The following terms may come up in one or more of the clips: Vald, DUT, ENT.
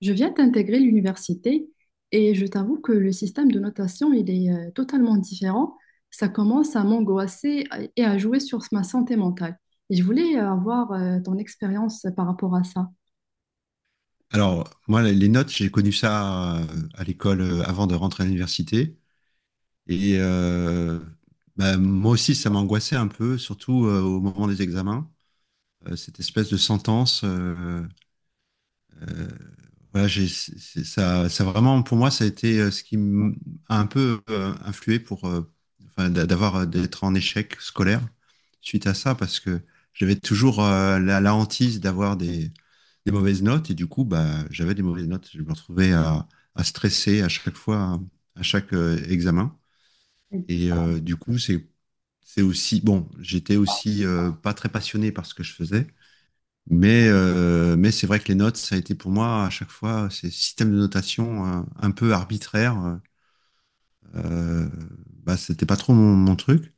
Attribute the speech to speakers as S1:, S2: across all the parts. S1: Je viens d'intégrer l'université et je t'avoue que le système de notation, il est totalement différent. Ça commence à m'angoisser et à jouer sur ma santé mentale. Et je voulais avoir ton expérience par rapport à ça.
S2: Alors, moi, les notes, j'ai connu ça à l'école avant de rentrer à l'université. Et euh, bah, moi aussi, ça m'angoissait un peu, surtout au moment des examens. Cette espèce de sentence, euh, voilà, ça, ça vraiment, pour moi, ça a été ce qui m'a un peu influé pour, enfin, d'avoir, d'être en échec scolaire suite à ça, parce que j'avais toujours la hantise d'avoir des mauvaises notes, et du coup, bah, j'avais des mauvaises notes. Je me retrouvais à stresser à chaque fois, hein, à chaque examen.
S1: Mais,
S2: Du coup, c'est aussi, bon, j'étais aussi pas très passionné par ce que je faisais. Mais c'est vrai que les notes, ça a été pour moi à chaque fois ces systèmes de notation un peu arbitraires. Euh, bah, c'était pas trop mon truc.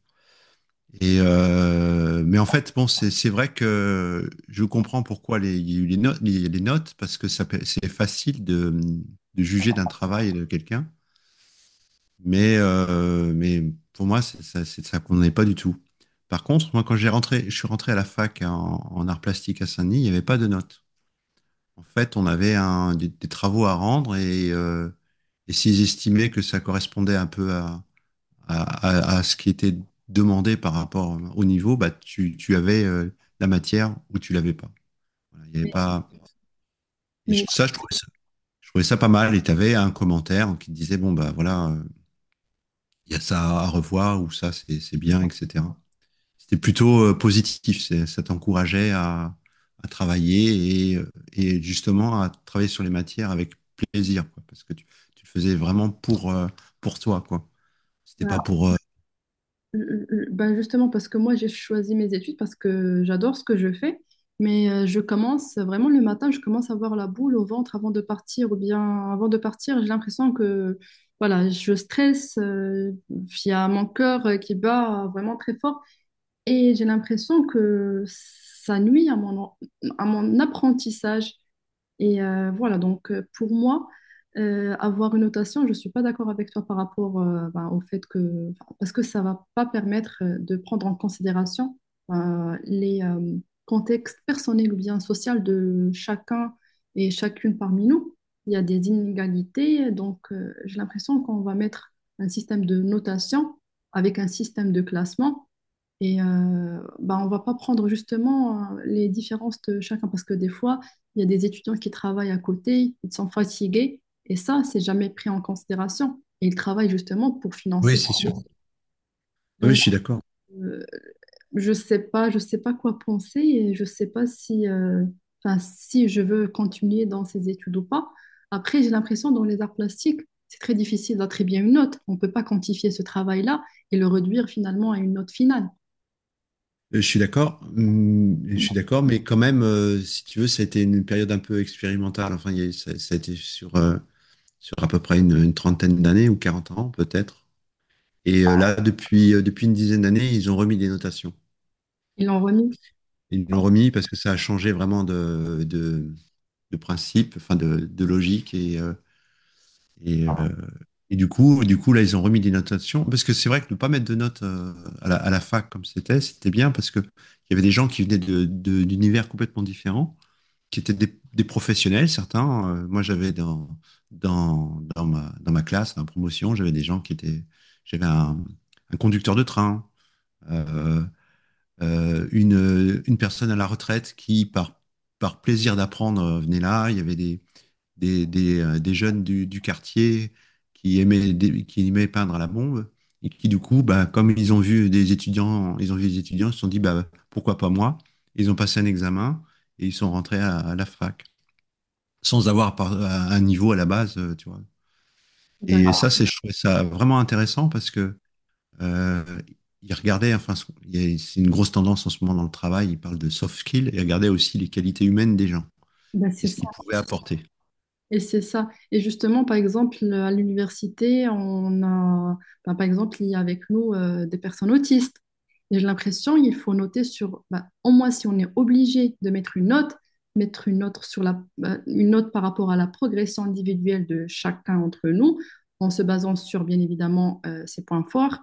S2: Mais en fait, bon, c'est vrai que je comprends pourquoi il y a eu les notes, les notes, parce que ça, c'est facile de juger d'un travail et de quelqu'un. Mais pour moi, c'est ça qu'on n'est pas du tout. Par contre, moi, quand j'ai rentré, je suis rentré à la fac en art plastique à Saint-Denis, il n'y avait pas de notes. En fait, on avait des travaux à rendre et s'ils estimaient que ça correspondait un peu à- à ce qui était demandé par rapport au niveau, bah, tu avais la matière ou tu l'avais pas. Voilà, il y avait pas.
S1: mais,
S2: Ça, je trouvais ça pas mal. Et tu avais un commentaire qui te disait, bon, bah voilà, il y a ça à revoir ou ça, c'est bien, etc. C'était plutôt positif. Ça t'encourageait à travailler et, justement à travailler sur les matières avec plaisir, quoi, parce que tu le faisais vraiment pour toi, quoi. C'était pas pour.
S1: mm, mm, mm. Ben justement, parce que moi, j'ai choisi mes études parce que j'adore ce que je fais, mais je commence vraiment le matin, je commence à avoir la boule au ventre avant de partir, ou bien avant de partir, j'ai l'impression que voilà, je stresse, il y a mon cœur qui bat vraiment très fort, et j'ai l'impression que ça nuit à mon apprentissage. Et voilà, donc pour moi, avoir une notation, je ne suis pas d'accord avec toi par rapport ben, au fait que, enfin, parce que ça ne va pas permettre de prendre en considération les contextes personnels ou bien sociaux de chacun et chacune parmi nous. Il y a des inégalités, donc j'ai l'impression qu'on va mettre un système de notation avec un système de classement. Et bah, on ne va pas prendre justement les différences de chacun parce que des fois, il y a des étudiants qui travaillent à côté, ils sont fatigués et ça, c'est jamais pris en considération. Et ils travaillent justement pour
S2: Oui,
S1: financer.
S2: c'est sûr. Oui, je
S1: Donc,
S2: suis d'accord.
S1: euh, je sais pas quoi penser et je sais pas si, enfin, si je veux continuer dans ces études ou pas. Après, j'ai l'impression dans les arts plastiques, c'est très difficile d'attribuer une note. On ne peut pas quantifier ce travail-là et le réduire finalement à une note finale.
S2: Je suis d'accord, hum, je suis d'accord, mais quand même, si tu veux, ça a été une période un peu expérimentale. Enfin, il y a, eu- ça, a été sur, sur à peu près une trentaine d'années ou 40 ans peut-être. Là, depuis une dizaine d'années, ils ont remis des notations.
S1: Ils l'ont remis.
S2: Ils l'ont remis parce que ça a changé vraiment de principe, enfin de logique. Et, euh, et du coup, là, ils ont remis des notations. Parce que c'est vrai que ne pas mettre de notes à la fac comme c'était, c'était bien parce qu'il y avait des gens qui venaient d'univers complètement différents, qui étaient des professionnels, certains. Moi, j'avais dans ma classe, dans ma promotion, j'avais des gens qui étaient. J'avais un conducteur de train. euh, une personne à la retraite qui, par plaisir d'apprendre, venait là. Il y avait des jeunes du quartier qui aimaient, qui aimaient peindre à la bombe et qui, du coup, bah, comme ils ont vu des étudiants, ils ont vu des étudiants, ils se sont dit, bah, pourquoi pas moi? Ils ont passé un examen et ils sont rentrés à la fac sans avoir un niveau à la base, tu vois. Et ça,
S1: D'accord.
S2: je trouvais ça vraiment intéressant parce que euh, il regardait, enfin, c'est une grosse tendance en ce moment dans le travail, il parle de soft skills et il regardait aussi les qualités humaines des gens
S1: Ben,
S2: et
S1: c'est
S2: ce
S1: ça.
S2: qu'ils pouvaient apporter.
S1: Et c'est ça. Et justement, par exemple, à l'université, on a, ben, par exemple, il y a avec nous des personnes autistes. Et j'ai l'impression qu'il faut noter sur, ben, au moins si on est obligé de mettre une note sur la, ben, une note par rapport à la progression individuelle de chacun entre nous, en se basant sur, bien évidemment, ses points forts,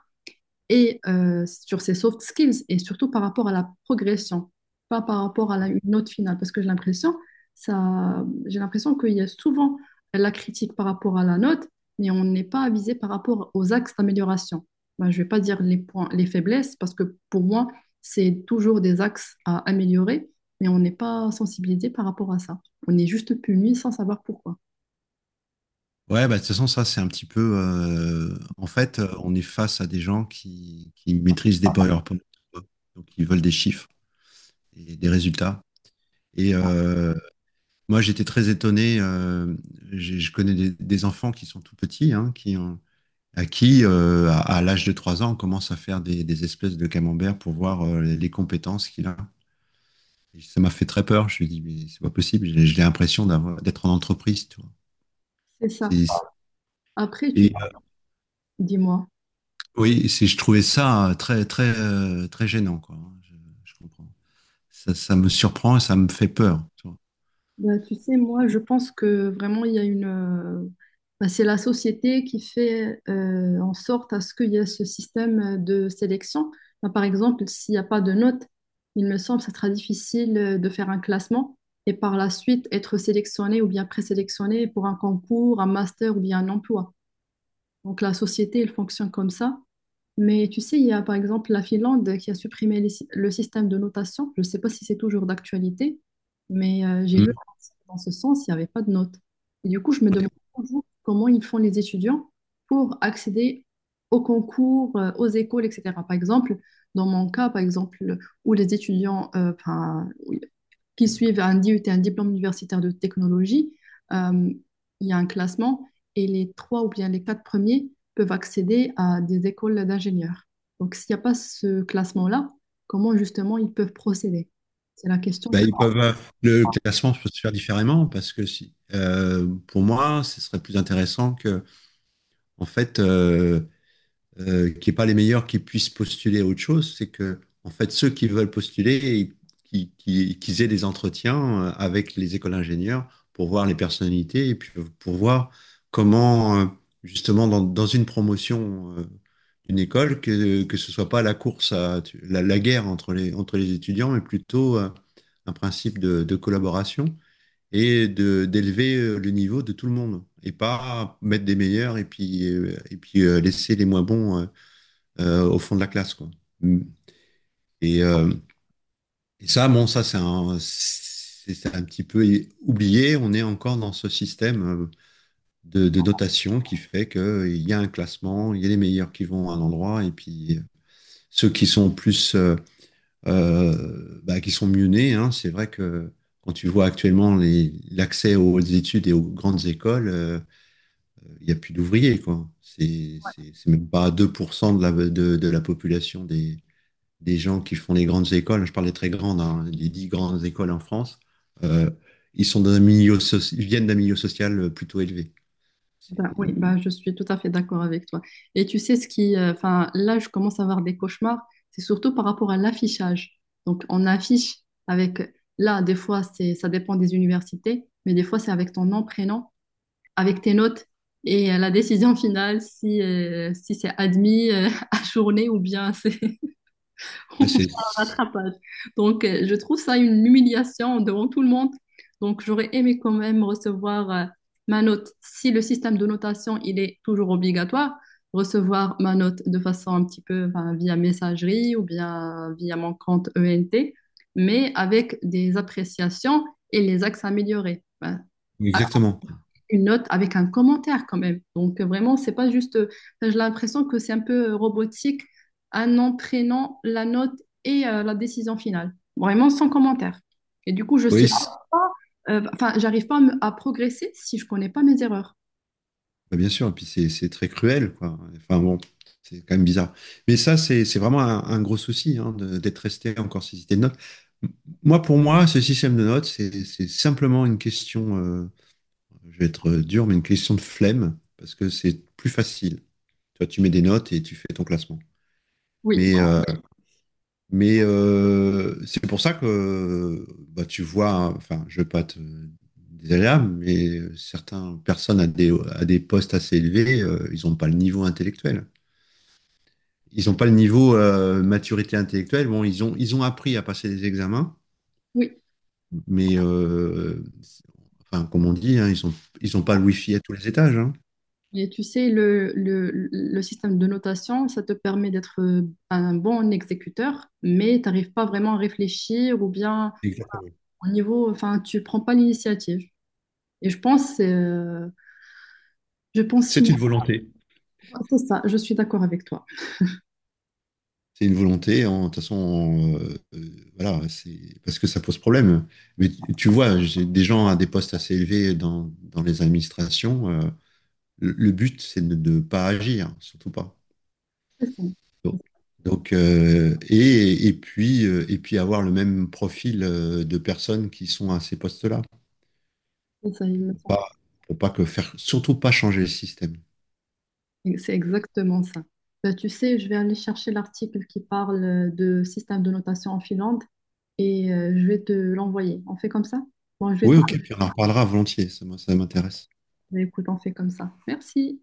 S1: et sur ses soft skills et surtout par rapport à la progression, pas par rapport à la, une note finale, parce que j'ai l'impression, ça, j'ai l'impression qu'il y a souvent la critique par rapport à la note, mais on n'est pas avisé par rapport aux axes d'amélioration. Ben, je ne vais pas dire les points, les faiblesses, parce que pour moi, c'est toujours des axes à améliorer, mais on n'est pas sensibilisé par rapport à ça. On est juste puni sans savoir pourquoi.
S2: Ouais, bah, de toute façon, ça, c'est un petit peu, en fait, on est face à des gens qui maîtrisent des PowerPoint, donc ils veulent des chiffres et des résultats. Et euh, moi, j'étais très étonné. Je connais des enfants qui sont tout petits, hein, qui ont, à l'âge de 3 ans, on commence à faire des espèces de camembert pour voir les compétences qu'il a. Ça m'a fait très peur. Je me suis dit, mais c'est pas possible. J'ai l'impression d'être en entreprise. Tu vois.
S1: C'est ça.
S2: C'est- c'est-
S1: Après, tu
S2: et
S1: dis-moi.
S2: oui, c'est, je trouvais ça très, très, très gênant, quoi, hein. Je comprends. Ça me surprend et ça me fait peur, tu vois.
S1: Bah, tu sais, moi, je pense que vraiment, il y a une... bah, c'est la société qui fait en sorte à ce qu'il y ait ce système de sélection. Bah, par exemple, s'il n'y a pas de notes, il me semble que ça sera difficile de faire un classement et par la suite être sélectionné ou bien présélectionné pour un concours, un master ou bien un emploi. Donc la société, elle fonctionne comme ça. Mais tu sais, il y a par exemple la Finlande qui a supprimé les le système de notation. Je ne sais pas si c'est toujours d'actualité, mais j'ai lu
S2: Mm.
S1: un article dans ce sens, il n'y avait pas de notes. Et du coup, je me
S2: Ouais.
S1: demande toujours comment ils font les étudiants pour accéder aux concours, aux écoles, etc. Par exemple, dans mon cas, par exemple, où les étudiants enfin, oui, qui suivent un DUT, un diplôme universitaire de technologie, euh, il y a un classement et les trois ou bien les quatre premiers peuvent accéder à des écoles d'ingénieurs. Donc, s'il n'y a pas ce classement-là, comment justement ils peuvent procéder? C'est la question
S2: Bah,
S1: que...
S2: ils peuvent, le classement peut se faire différemment parce que si, pour moi, ce serait plus intéressant que, en fait, qui n'est pas les meilleurs qui puissent postuler à autre chose, c'est que, en fait, ceux qui veulent postuler, qu'ils aient des entretiens avec les écoles d'ingénieurs pour voir les personnalités et puis pour voir comment, justement, dans une promotion d'une école, que ce soit pas la course la guerre entre les étudiants, mais plutôt un principe de collaboration et de d'élever le niveau de tout le monde et pas mettre des meilleurs et puis et puis laisser les moins bons au fond de la classe, quoi. Mm. Et, euh, et ça, bon, ça, c'est un petit peu oublié. On est encore dans ce système de notation qui fait qu'il y a un classement, il y a les meilleurs qui vont à un endroit, et puis ceux qui sont plus, bah, qui sont mieux nés. Hein, c'est vrai que quand tu vois actuellement l'accès aux études et aux grandes écoles, il n'y a plus d'ouvriers, quoi. C'est même pas 2% de la population des gens qui font les grandes écoles, je parle des très grandes, hein, les 10 grandes écoles en France, euh, ils sont dans un milieu ils viennent d'un milieu social plutôt élevé. C'est,
S1: Bah, oui, bah, je suis tout à fait d'accord avec toi. Et tu sais ce qui... enfin, là, je commence à avoir des cauchemars. C'est surtout par rapport à l'affichage. Donc, on affiche avec... Là, des fois, c'est, ça dépend des universités, mais des fois, c'est avec ton nom, prénom, avec tes notes et la décision finale, si, si c'est admis à journée ou bien c'est...
S2: ouais,
S1: rattrapage. Donc, je trouve ça une humiliation devant tout le monde. Donc, j'aurais aimé quand même recevoir ma note. Si le système de notation, il est toujours obligatoire, recevoir ma note de façon un petit peu enfin, via messagerie ou bien via mon compte ENT, mais avec des appréciations et les axes améliorés. Ben,
S2: exactement.
S1: une note avec un commentaire quand même. Donc vraiment, c'est pas juste. Enfin, j'ai l'impression que c'est un peu robotique, un nom, prénom, la note et la décision finale. Vraiment sans commentaire. Et du coup, je sais,
S2: Oui,
S1: pas, enfin, j'arrive pas à, à progresser si je connais pas mes erreurs.
S2: bah, bien sûr. Et puis c'est très cruel, quoi. Enfin bon, c'est quand même bizarre. Mais ça, c'est vraiment un gros souci, hein, d'être resté encore sur ce système de notes. M- Moi, pour moi, ce système de notes, c'est simplement une question, je vais être dur, mais une question de flemme parce que c'est plus facile. Toi, tu mets des notes et tu fais ton classement.
S1: Oui,
S2: Mais, euh, mais c'est pour ça que bah, tu vois, hein, enfin, je ne veux pas te désagréable, mais certaines personnes à des postes assez élevés, ils n'ont pas le niveau intellectuel. Ils n'ont pas le niveau maturité intellectuelle. Bon, ils ont appris à passer des examens,
S1: oui.
S2: mais enfin, comme on dit, hein, ils ont pas le wifi à tous les étages, hein.
S1: Et tu sais, le système de notation, ça te permet d'être un bon exécuteur, mais tu n'arrives pas vraiment à réfléchir ou bien
S2: Exactement.
S1: au niveau, enfin, tu prends pas l'initiative. Et je pense, je pense.
S2: C'est une volonté.
S1: Ah, c'est ça, je suis d'accord avec toi.
S2: C'est une volonté, de toute façon, voilà, c'est parce que ça pose problème. Mais tu vois, j'ai des gens à des postes assez élevés dans les administrations. Le but, c'est de ne pas agir, surtout pas.
S1: C'est ça.
S2: Donc, donc, et puis avoir le même profil de personnes qui sont à ces postes-là.
S1: C'est ça, il me
S2: Pour
S1: semble.
S2: pas, pour pas que faire, surtout pas changer le système.
S1: C'est exactement ça. Bah, tu sais, je vais aller chercher l'article qui parle de système de notation en Finlande et je vais te l'envoyer. On fait comme ça? Bon, je vais te
S2: Oui, ok, puis on en reparlera volontiers, ça, moi, ça m'intéresse.
S1: l'envoyer. Écoute, on fait comme ça. Merci.